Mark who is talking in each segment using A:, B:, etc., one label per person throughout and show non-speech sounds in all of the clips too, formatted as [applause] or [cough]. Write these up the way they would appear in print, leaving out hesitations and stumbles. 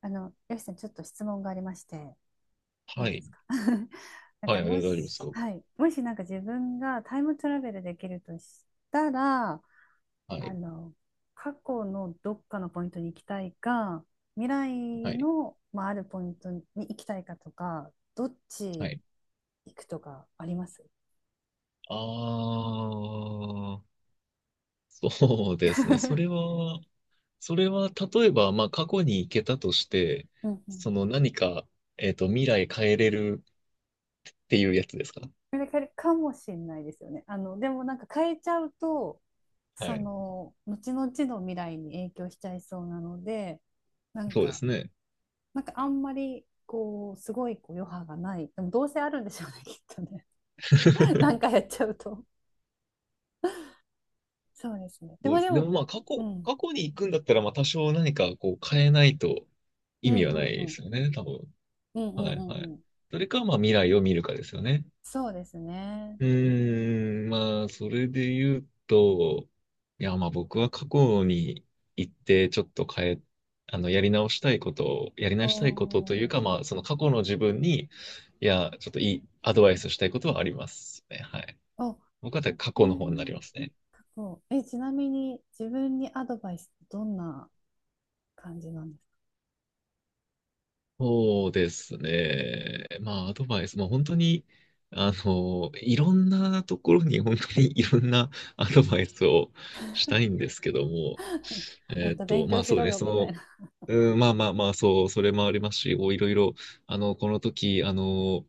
A: よしさん、ちょっと質問がありまして、い
B: は
A: いで
B: い。
A: すか。 [laughs] なん
B: は
A: か、
B: い、あ
A: も
B: 大丈夫です
A: し、
B: よ。
A: はい、もしなんか自分がタイムトラベルできるとしたら、
B: は
A: あ
B: い。
A: の、過去のどっかのポイントに行きたいか、未
B: は
A: 来
B: い。
A: の、まあ、あるポイントに行きたいかとか、どっ
B: は
A: ち
B: い。
A: 行くとかあります？
B: ああ、[laughs] そうですね。
A: [laughs]
B: それは、例えば、まあ、過去に行けたとして、
A: うんう
B: そ
A: ん。
B: の何か、未来変えれるっていうやつですか？
A: それかかもしれないですよね。でもなんか変えちゃうと、
B: は
A: そ
B: い。
A: の、後々の未来に影響しちゃいそうなので、なん
B: そうで
A: か、
B: すね。
A: なんかあんまりこうすごいこう余波がない、でもどうせあるんでしょうね、きっとね。
B: [laughs]
A: [laughs] なんかやっちゃうと、そうですね。で
B: そう
A: も
B: で
A: で
B: す。で
A: も、
B: も、まあ、
A: うん、
B: 過去に行くんだったら、まあ、多少何か、こう、変えないと
A: う
B: 意
A: ん
B: 味は
A: う
B: ない
A: んう
B: で
A: ん
B: すよね、多分。
A: うんう
B: は
A: んう
B: い、
A: ん
B: はい。
A: うん、
B: それか、まあ、未来を見るかですよね。
A: そうですね。
B: うーん、まあ、それで言うと、いや、まあ僕は過去に行って、ちょっと変え、あの、やり
A: お
B: 直したいことというか、
A: ー、
B: まあ、その過去の自分に、いや、ちょっといいアドバイスしたいことはありますね。はい。
A: お、
B: 僕は過去の
A: う
B: 方になり
A: ん。
B: ますね。
A: 過去、ちなみに自分にアドバイスってどんな感じなんです
B: そうですね。まあ、アドバイス、まあ本当に、あの、いろんなところに本当にいろんなアドバイスをしたいんですけども、
A: か？もっと勉
B: ま
A: 強
B: あ
A: し
B: そう
A: ろ
B: ね、
A: よ
B: そ
A: みたい
B: の、
A: な。
B: うん、まあまあまあ、そう、それもありますし、こういろいろ、あの、この時、あの、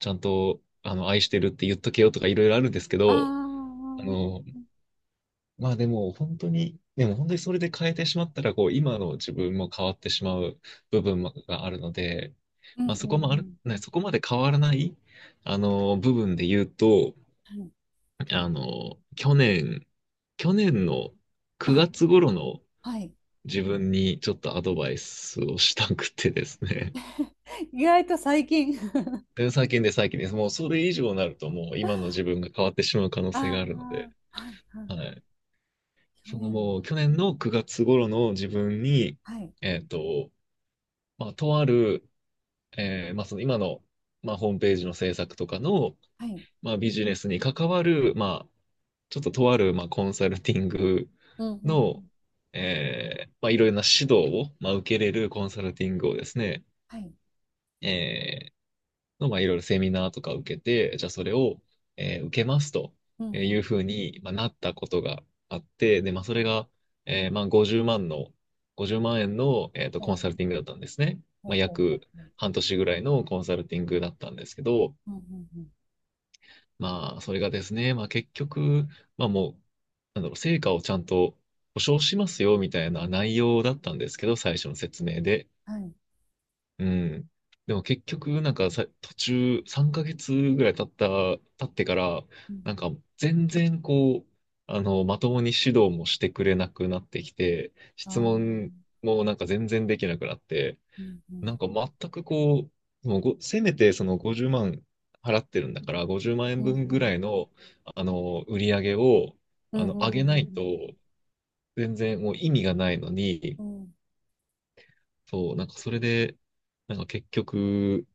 B: ちゃんと、あの、愛してるって言っとけよとかいろいろあるんですけ
A: あ
B: ど、
A: ー、
B: あの、
A: うん
B: まあでも本当に、それで変えてしまったら、こう、今の自分も変わってしまう部分があるので、
A: うん
B: まあそ
A: う
B: こもある、
A: ん
B: ね、そこまで変わらない、あの、部分で言うと、
A: うん。
B: あの、去年の
A: あ、
B: 9月頃の
A: はい。
B: 自分にちょっとアドバイスをしたくてですね。
A: 意外と最近。 [laughs]
B: [laughs] で最近です。もうそれ以上になるともう今の自分が変わってしまう可能
A: あ
B: 性があるので、
A: あ、はいは
B: は
A: い、
B: い。
A: 去
B: その
A: 年、
B: もう去年の9月頃の自分に、
A: はい
B: えっと、まあ、とある、まあその今の、まあ、ホームページの制作とかの、
A: はい。
B: まあ、ビジネスに関わる、まあ、ちょっととある、まあ、コンサルティング
A: うんう
B: の、
A: ん。
B: まあ、いろいろな指導を、まあ、受けれるコンサルティングをですね、
A: はい。
B: えまあ、いろいろセミナーとか受けて、じゃあそれを、受けますと
A: うんう
B: いう
A: ん。
B: ふうに、まあ、なったことがあって、で、まあ、そ
A: は
B: れ
A: い、
B: が、まあ、50万円の、
A: ほ
B: コンサルティングだったんですね。
A: うほ
B: まあ、
A: うほう、ほう
B: 約
A: ほう。
B: 半年ぐらいのコンサルティングだったんですけど、
A: うんうんうん。
B: まあ、それがですね、まあ、結局、まあ、もう、なんだろう、成果をちゃんと保証しますよ、みたいな内容だったんですけど、最初の説明で。
A: はい。
B: うん。でも結局、なんかさ、途中3ヶ月ぐらい経ってから、
A: うん。
B: なんか全然こう、あの、まともに指導もしてくれなくなってきて、
A: あ
B: 質問
A: あ。
B: もなんか全然できなくなって、
A: うんう
B: な
A: ん。
B: んか全くこう、もうご、せめてその50万払ってるんだから、50万
A: う
B: 円
A: んう
B: 分ぐら
A: ん。
B: いの、あの、売り上げを、
A: う
B: あ
A: ん
B: の、
A: う
B: 上
A: ん
B: げな
A: う
B: いと、
A: ん
B: 全然もう意味がないのに、
A: うんうん。うん。
B: そう、なんかそれで、なんか結局、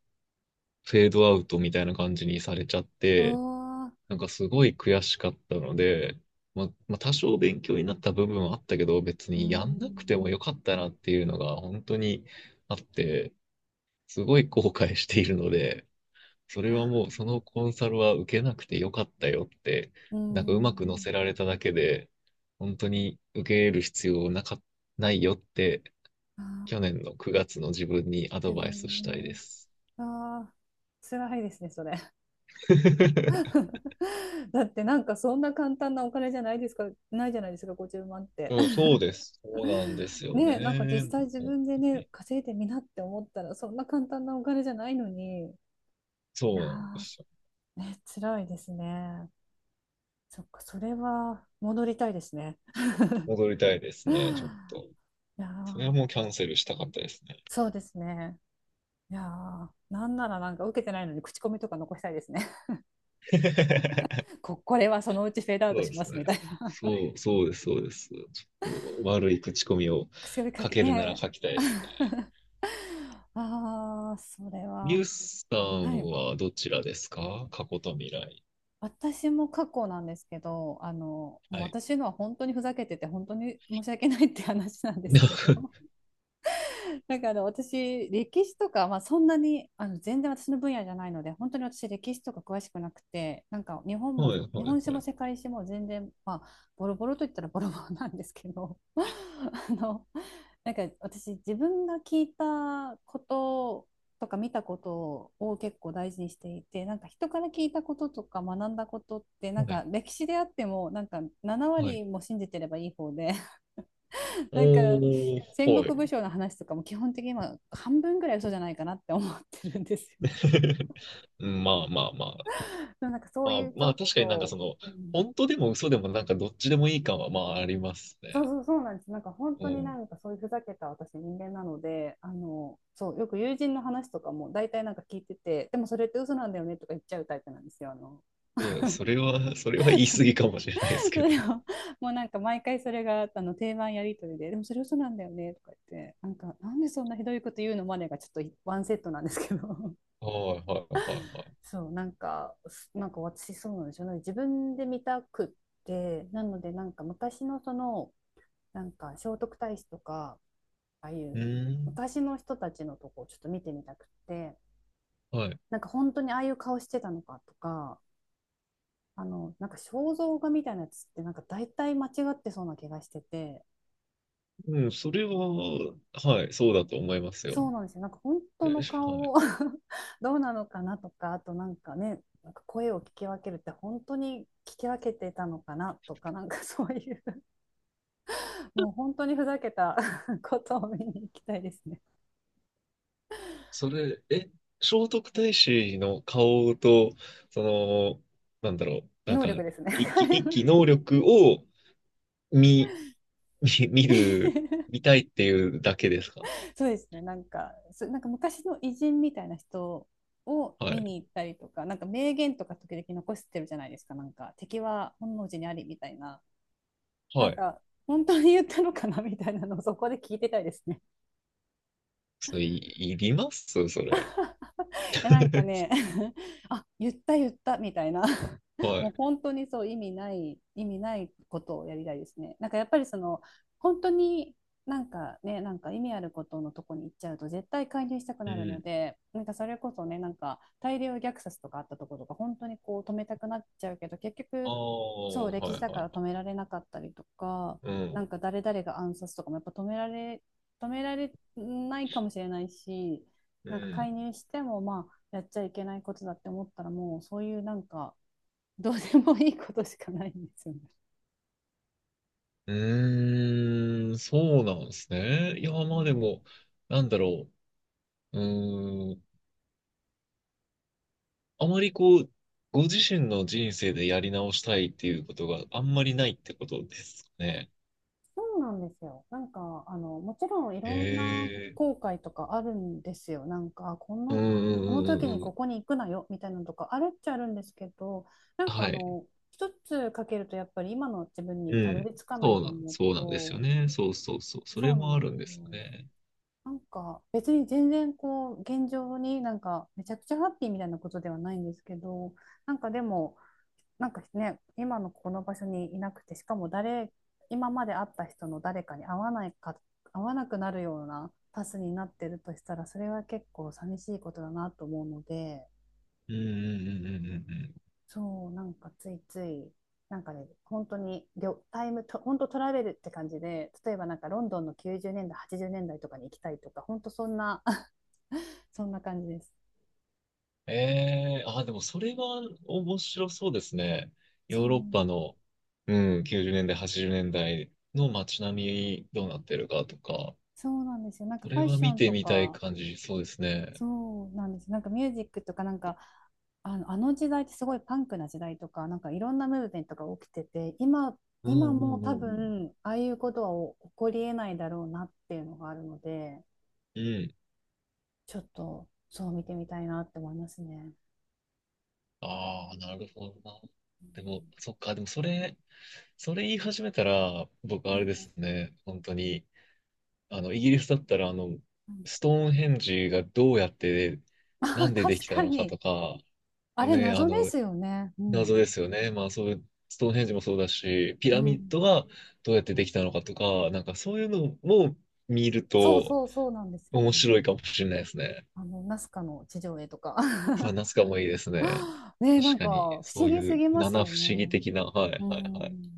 B: フェードアウトみたいな感じにされちゃっ
A: あ
B: て、
A: あ。
B: なんかすごい悔しかったので、まあ、まあ多少勉強になった部分はあったけど、別
A: う
B: にやんなくて
A: ん。
B: もよかったなっていうのが本当にあって、すごい後悔しているので、そ
A: い
B: れ
A: や
B: はもう
A: ー。
B: そのコンサルは受けなくてよかったよって、
A: う
B: なんかう
A: んう
B: まく乗せ
A: ん
B: られただけで、本当に受け入れる必要なか、ないよって、
A: うん。あ
B: 去
A: あ。
B: 年の9月の自分にアド
A: 自
B: バイス
A: 分、
B: したいで
A: ね。
B: す。
A: ああ。辛いですね、それ。[laughs]
B: [laughs]
A: だってなんかそんな簡単なお金じゃないですか、ないじゃないですか、50万円って。
B: うん、そうです。そうなんで
A: [laughs]
B: すよ
A: ね、なんか実
B: ね。
A: 際自分でね、稼いでみなって思ったら、そんな簡単なお金じゃないのに、いや
B: そうなんですよ。
A: ー、ね、辛いですね。そっか、それは戻りたいですね。
B: 戻りたいです
A: [laughs]
B: ね、ちょっ
A: い
B: と。
A: や
B: それはもう
A: ー、
B: キャンセルしたかったですね。
A: そうですね。いやー、なんならなんか受けてないのに口コミとか残したいですね。
B: [laughs]
A: [laughs] こ、これはそのうちフェードアウト
B: そうで
A: しま
B: す
A: す
B: ね。
A: みたいな。[laughs]
B: そう、そうです、そうです。ちょっと悪い口コミを
A: 癖をか
B: 書
A: け
B: けるなら
A: ね。
B: 書きたいですね。
A: [laughs] ああ、それ
B: ミュ
A: は。
B: ースさ
A: は
B: ん
A: い。
B: はどちらですか？過去と未来。
A: 私も過去なんですけど、もう
B: はい。
A: 私のは本当にふざけてて、本当に申し訳ないって話なんですけど、
B: [laughs]
A: [laughs] なんか私歴史とか、まあ、そんなに全然私の分野じゃないので、本当に私歴史とか詳しくなくて、なんか日本
B: は
A: も
B: い、は
A: 日
B: い、
A: 本史
B: は
A: も
B: い。
A: 世界史も全然、まあ、ボロボロといったらボロボロなんですけど、 [laughs] なんか私自分が聞いたこととか見たことを結構大事にしていて、なんか人から聞いたこととか学んだことってなん
B: は
A: か
B: い、
A: 歴史であってもなんか7
B: はい。
A: 割も信じてればいい方で、なんか
B: おー、
A: 戦
B: はい。
A: 国武将の話とかも基本的に今半分ぐらい嘘じゃないかなって思ってるんですよ。
B: [laughs] うんまあまあまあ、
A: なんかそういうち
B: ま
A: ょ
B: あ
A: っ
B: 確かになんかそ
A: と、
B: の、
A: うん、
B: 本当でも嘘でもなんかどっちでもいい感はまああります
A: そう
B: ね。
A: そうそうなんです。なんか本
B: う
A: 当にな
B: ん。
A: んかそういうふざけた私人間なので、そう、よく友人の話とかも大体なんか聞いてて、でもそれって嘘なんだよねとか言っちゃうタイプなんですよ。あの、
B: いや、それは、[laughs] それは言い過ぎかもしれないです
A: [laughs]、そ
B: けど。
A: れをもうなんか毎回それがあの定番やり取りで、でもそれ嘘なんだよねとか言って、なんかなんでそんなひどいこと言うのまでがちょっとワンセットなんですけど。
B: はいはいはいはい。
A: そう、なんか、なんか私そうなんですよ。ね、自分で見たくって、なのでなんか昔のその、なんか聖徳太子とか、ああい
B: う
A: う
B: ん。
A: 昔の人たちのとこをちょっと見てみたくって、
B: はい。
A: なんか本当にああいう顔してたのかとか、なんか肖像画みたいなやつってなんか大体間違ってそうな気がしてて、
B: うん、それは、はい、そうだと思いますよ。
A: そうなんですよ。なんか本当
B: え
A: の
B: しは
A: 顔
B: い。
A: を、 [laughs] どうなのかなとか、あとなんかね、なんか声を聞き分けるって本当に聞き分けてたのかなとか、なんかそういうもう本当にふざけた [laughs] ことを見に行きたいですね。
B: それ、え、聖徳太子の顔と、その、なんだろう、なん
A: 能
B: か、
A: 力ですね。
B: 一気能力を見、見、見る、
A: [laughs]。
B: 見たいっていうだけですか？
A: そうですね。なんか、なんか昔の偉人みたいな人を
B: は
A: 見
B: い。
A: に行ったりとか、なんか名言とか時々残してるじゃないですか。なんか敵は本能寺にありみたいな。な
B: は
A: ん
B: い。
A: か本当に言ったのかなみたいなのをそこで聞いてたいですね。
B: それ、い、いりますそれ？
A: [laughs] なんか
B: [laughs]
A: ね、 [laughs] あ、言った言ったみたいな。 [laughs]
B: は
A: もう
B: い。
A: 本当にそう意味ない意味ないことをやりたいですね。なんかやっぱりその、本当になんかね、なんか意味あることのとこに行っちゃうと絶対介入したく
B: う
A: なるの
B: ん。
A: で、なんかそれこそね、なんか大量虐殺とかあったところとか本当にこう止めたくなっちゃうけど、結
B: あ
A: 局そ
B: あ、
A: う
B: は
A: 歴
B: いは
A: 史
B: い
A: だか
B: は
A: ら止
B: い。
A: められなかったりとか、
B: う
A: な
B: ん。
A: んか誰々が暗殺とかもやっぱ止められないかもしれないし、
B: う
A: なんか介
B: ん。
A: 入してもまあやっちゃいけないことだって思ったら、もうそういうなんかどうでもいいことしかないんですよね。
B: うーん、そうなんですね。いや、
A: う
B: まあで
A: ん、
B: も、なんだろう。うーん。あまりこう、ご自身の人生でやり直したいっていうことがあんまりないってことですかね？
A: そうなんですよ。なんか、あの、もちろんい
B: へ
A: ろんな
B: え。
A: 後悔とかあるんですよ。なんか、こ
B: うんう
A: の、あ、この
B: んうん
A: 時
B: う
A: に
B: んうん。
A: ここに行くなよみたいなのとかあるっちゃあるんですけど、なんか
B: はい。
A: 一つかけるとやっぱり今の自分に
B: う
A: たど
B: ん。
A: り着かないと思う
B: そうなんですよ
A: と、
B: ね。そうそうそう。そ
A: そ
B: れ
A: うな
B: も
A: ん
B: あ
A: で
B: るんで
A: すよ。
B: すよね。
A: なんか別に全然こう現状になんかめちゃくちゃハッピーみたいなことではないんですけど、なんかでもなんかね、今のこの場所にいなくて、しかも誰、今まで会った人の誰かに会わないか会わなくなるようなパスになってるとしたら、それは結構寂しいことだなと思うので、
B: うんうんうんうんうんうん。
A: そう、なんかついつい、なんかね、本当にりょタイムと本当トラベルって感じで、例えばなんかロンドンの90年代80年代とかに行きたいとか、本当そんな。[laughs] そんな感じです。
B: ええあ、でもそれは面白そうですね。
A: そう、
B: ヨーロッパの、うん、90年代、80年代の街並みどうなってるかとか、
A: そうなんですよ。なんか
B: そ
A: フ
B: れ
A: ァッ
B: は
A: ショ
B: 見
A: ン
B: て
A: と
B: みたい
A: か、
B: 感じ、そうですね。
A: そうなんです。なんかミュージックとか、なんか、あの時代ってすごいパンクな時代とか、なんかいろんなムーブメントが起きてて、今、
B: うん
A: 今
B: う
A: も
B: ん
A: 多
B: うん
A: 分、ああいうことは起こりえないだろうなっていうのがあるので、
B: うん。うん。
A: ちょっと、そう見てみたいなって思いますね。
B: ああ、なるほどな。
A: う
B: でも、
A: ん
B: そっか、でもそれ、それ言い始めたら、僕
A: う
B: あれ
A: ん、
B: ですね、本当に、あの、イギリスだったら、あの、ストーンヘンジがどうやって、
A: あ、
B: な
A: [laughs]
B: んでで
A: 確
B: きた
A: か
B: のか
A: に。
B: とか、
A: あれ、
B: ね、あ
A: 謎で
B: の、
A: すよね。うん。
B: 謎ですよね。まあそういう、ストーンヘンジもそうだし、ピ
A: う
B: ラミッ
A: ん、
B: ドがどうやってできたのかとか、なんかそういうのも見る
A: そう
B: と
A: そうそうなんですよ
B: 面
A: ね。
B: 白いかもしれないですね。
A: あの、ナスカの地上絵とか。
B: そう、夏かもいいですね。
A: ねえ、な
B: 確
A: ん
B: か
A: か、
B: に、
A: 不
B: そ
A: 思
B: う
A: 議
B: い
A: す
B: う
A: ぎます
B: 七
A: よ
B: 不
A: ね。
B: 思議的な、はい
A: う
B: はいはい。
A: ん。い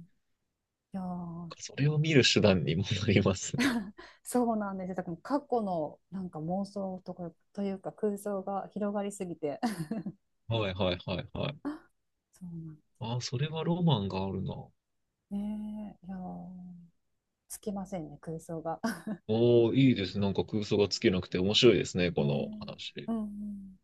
A: やー、
B: それを見る手段にもなりますね。
A: そうなんですよ。だから過去のなんか妄想とか、というか空想が広がりすぎて。
B: はいはいはいはい。
A: [laughs] そうなん、
B: ああ、それはロマンがあるな。お
A: ねえ、いやー、つきませんね、空想が。[laughs]
B: お、いいです。なんか空想が尽きなくて面白いですね、こ
A: ね
B: の
A: え。
B: 話。
A: うんうん。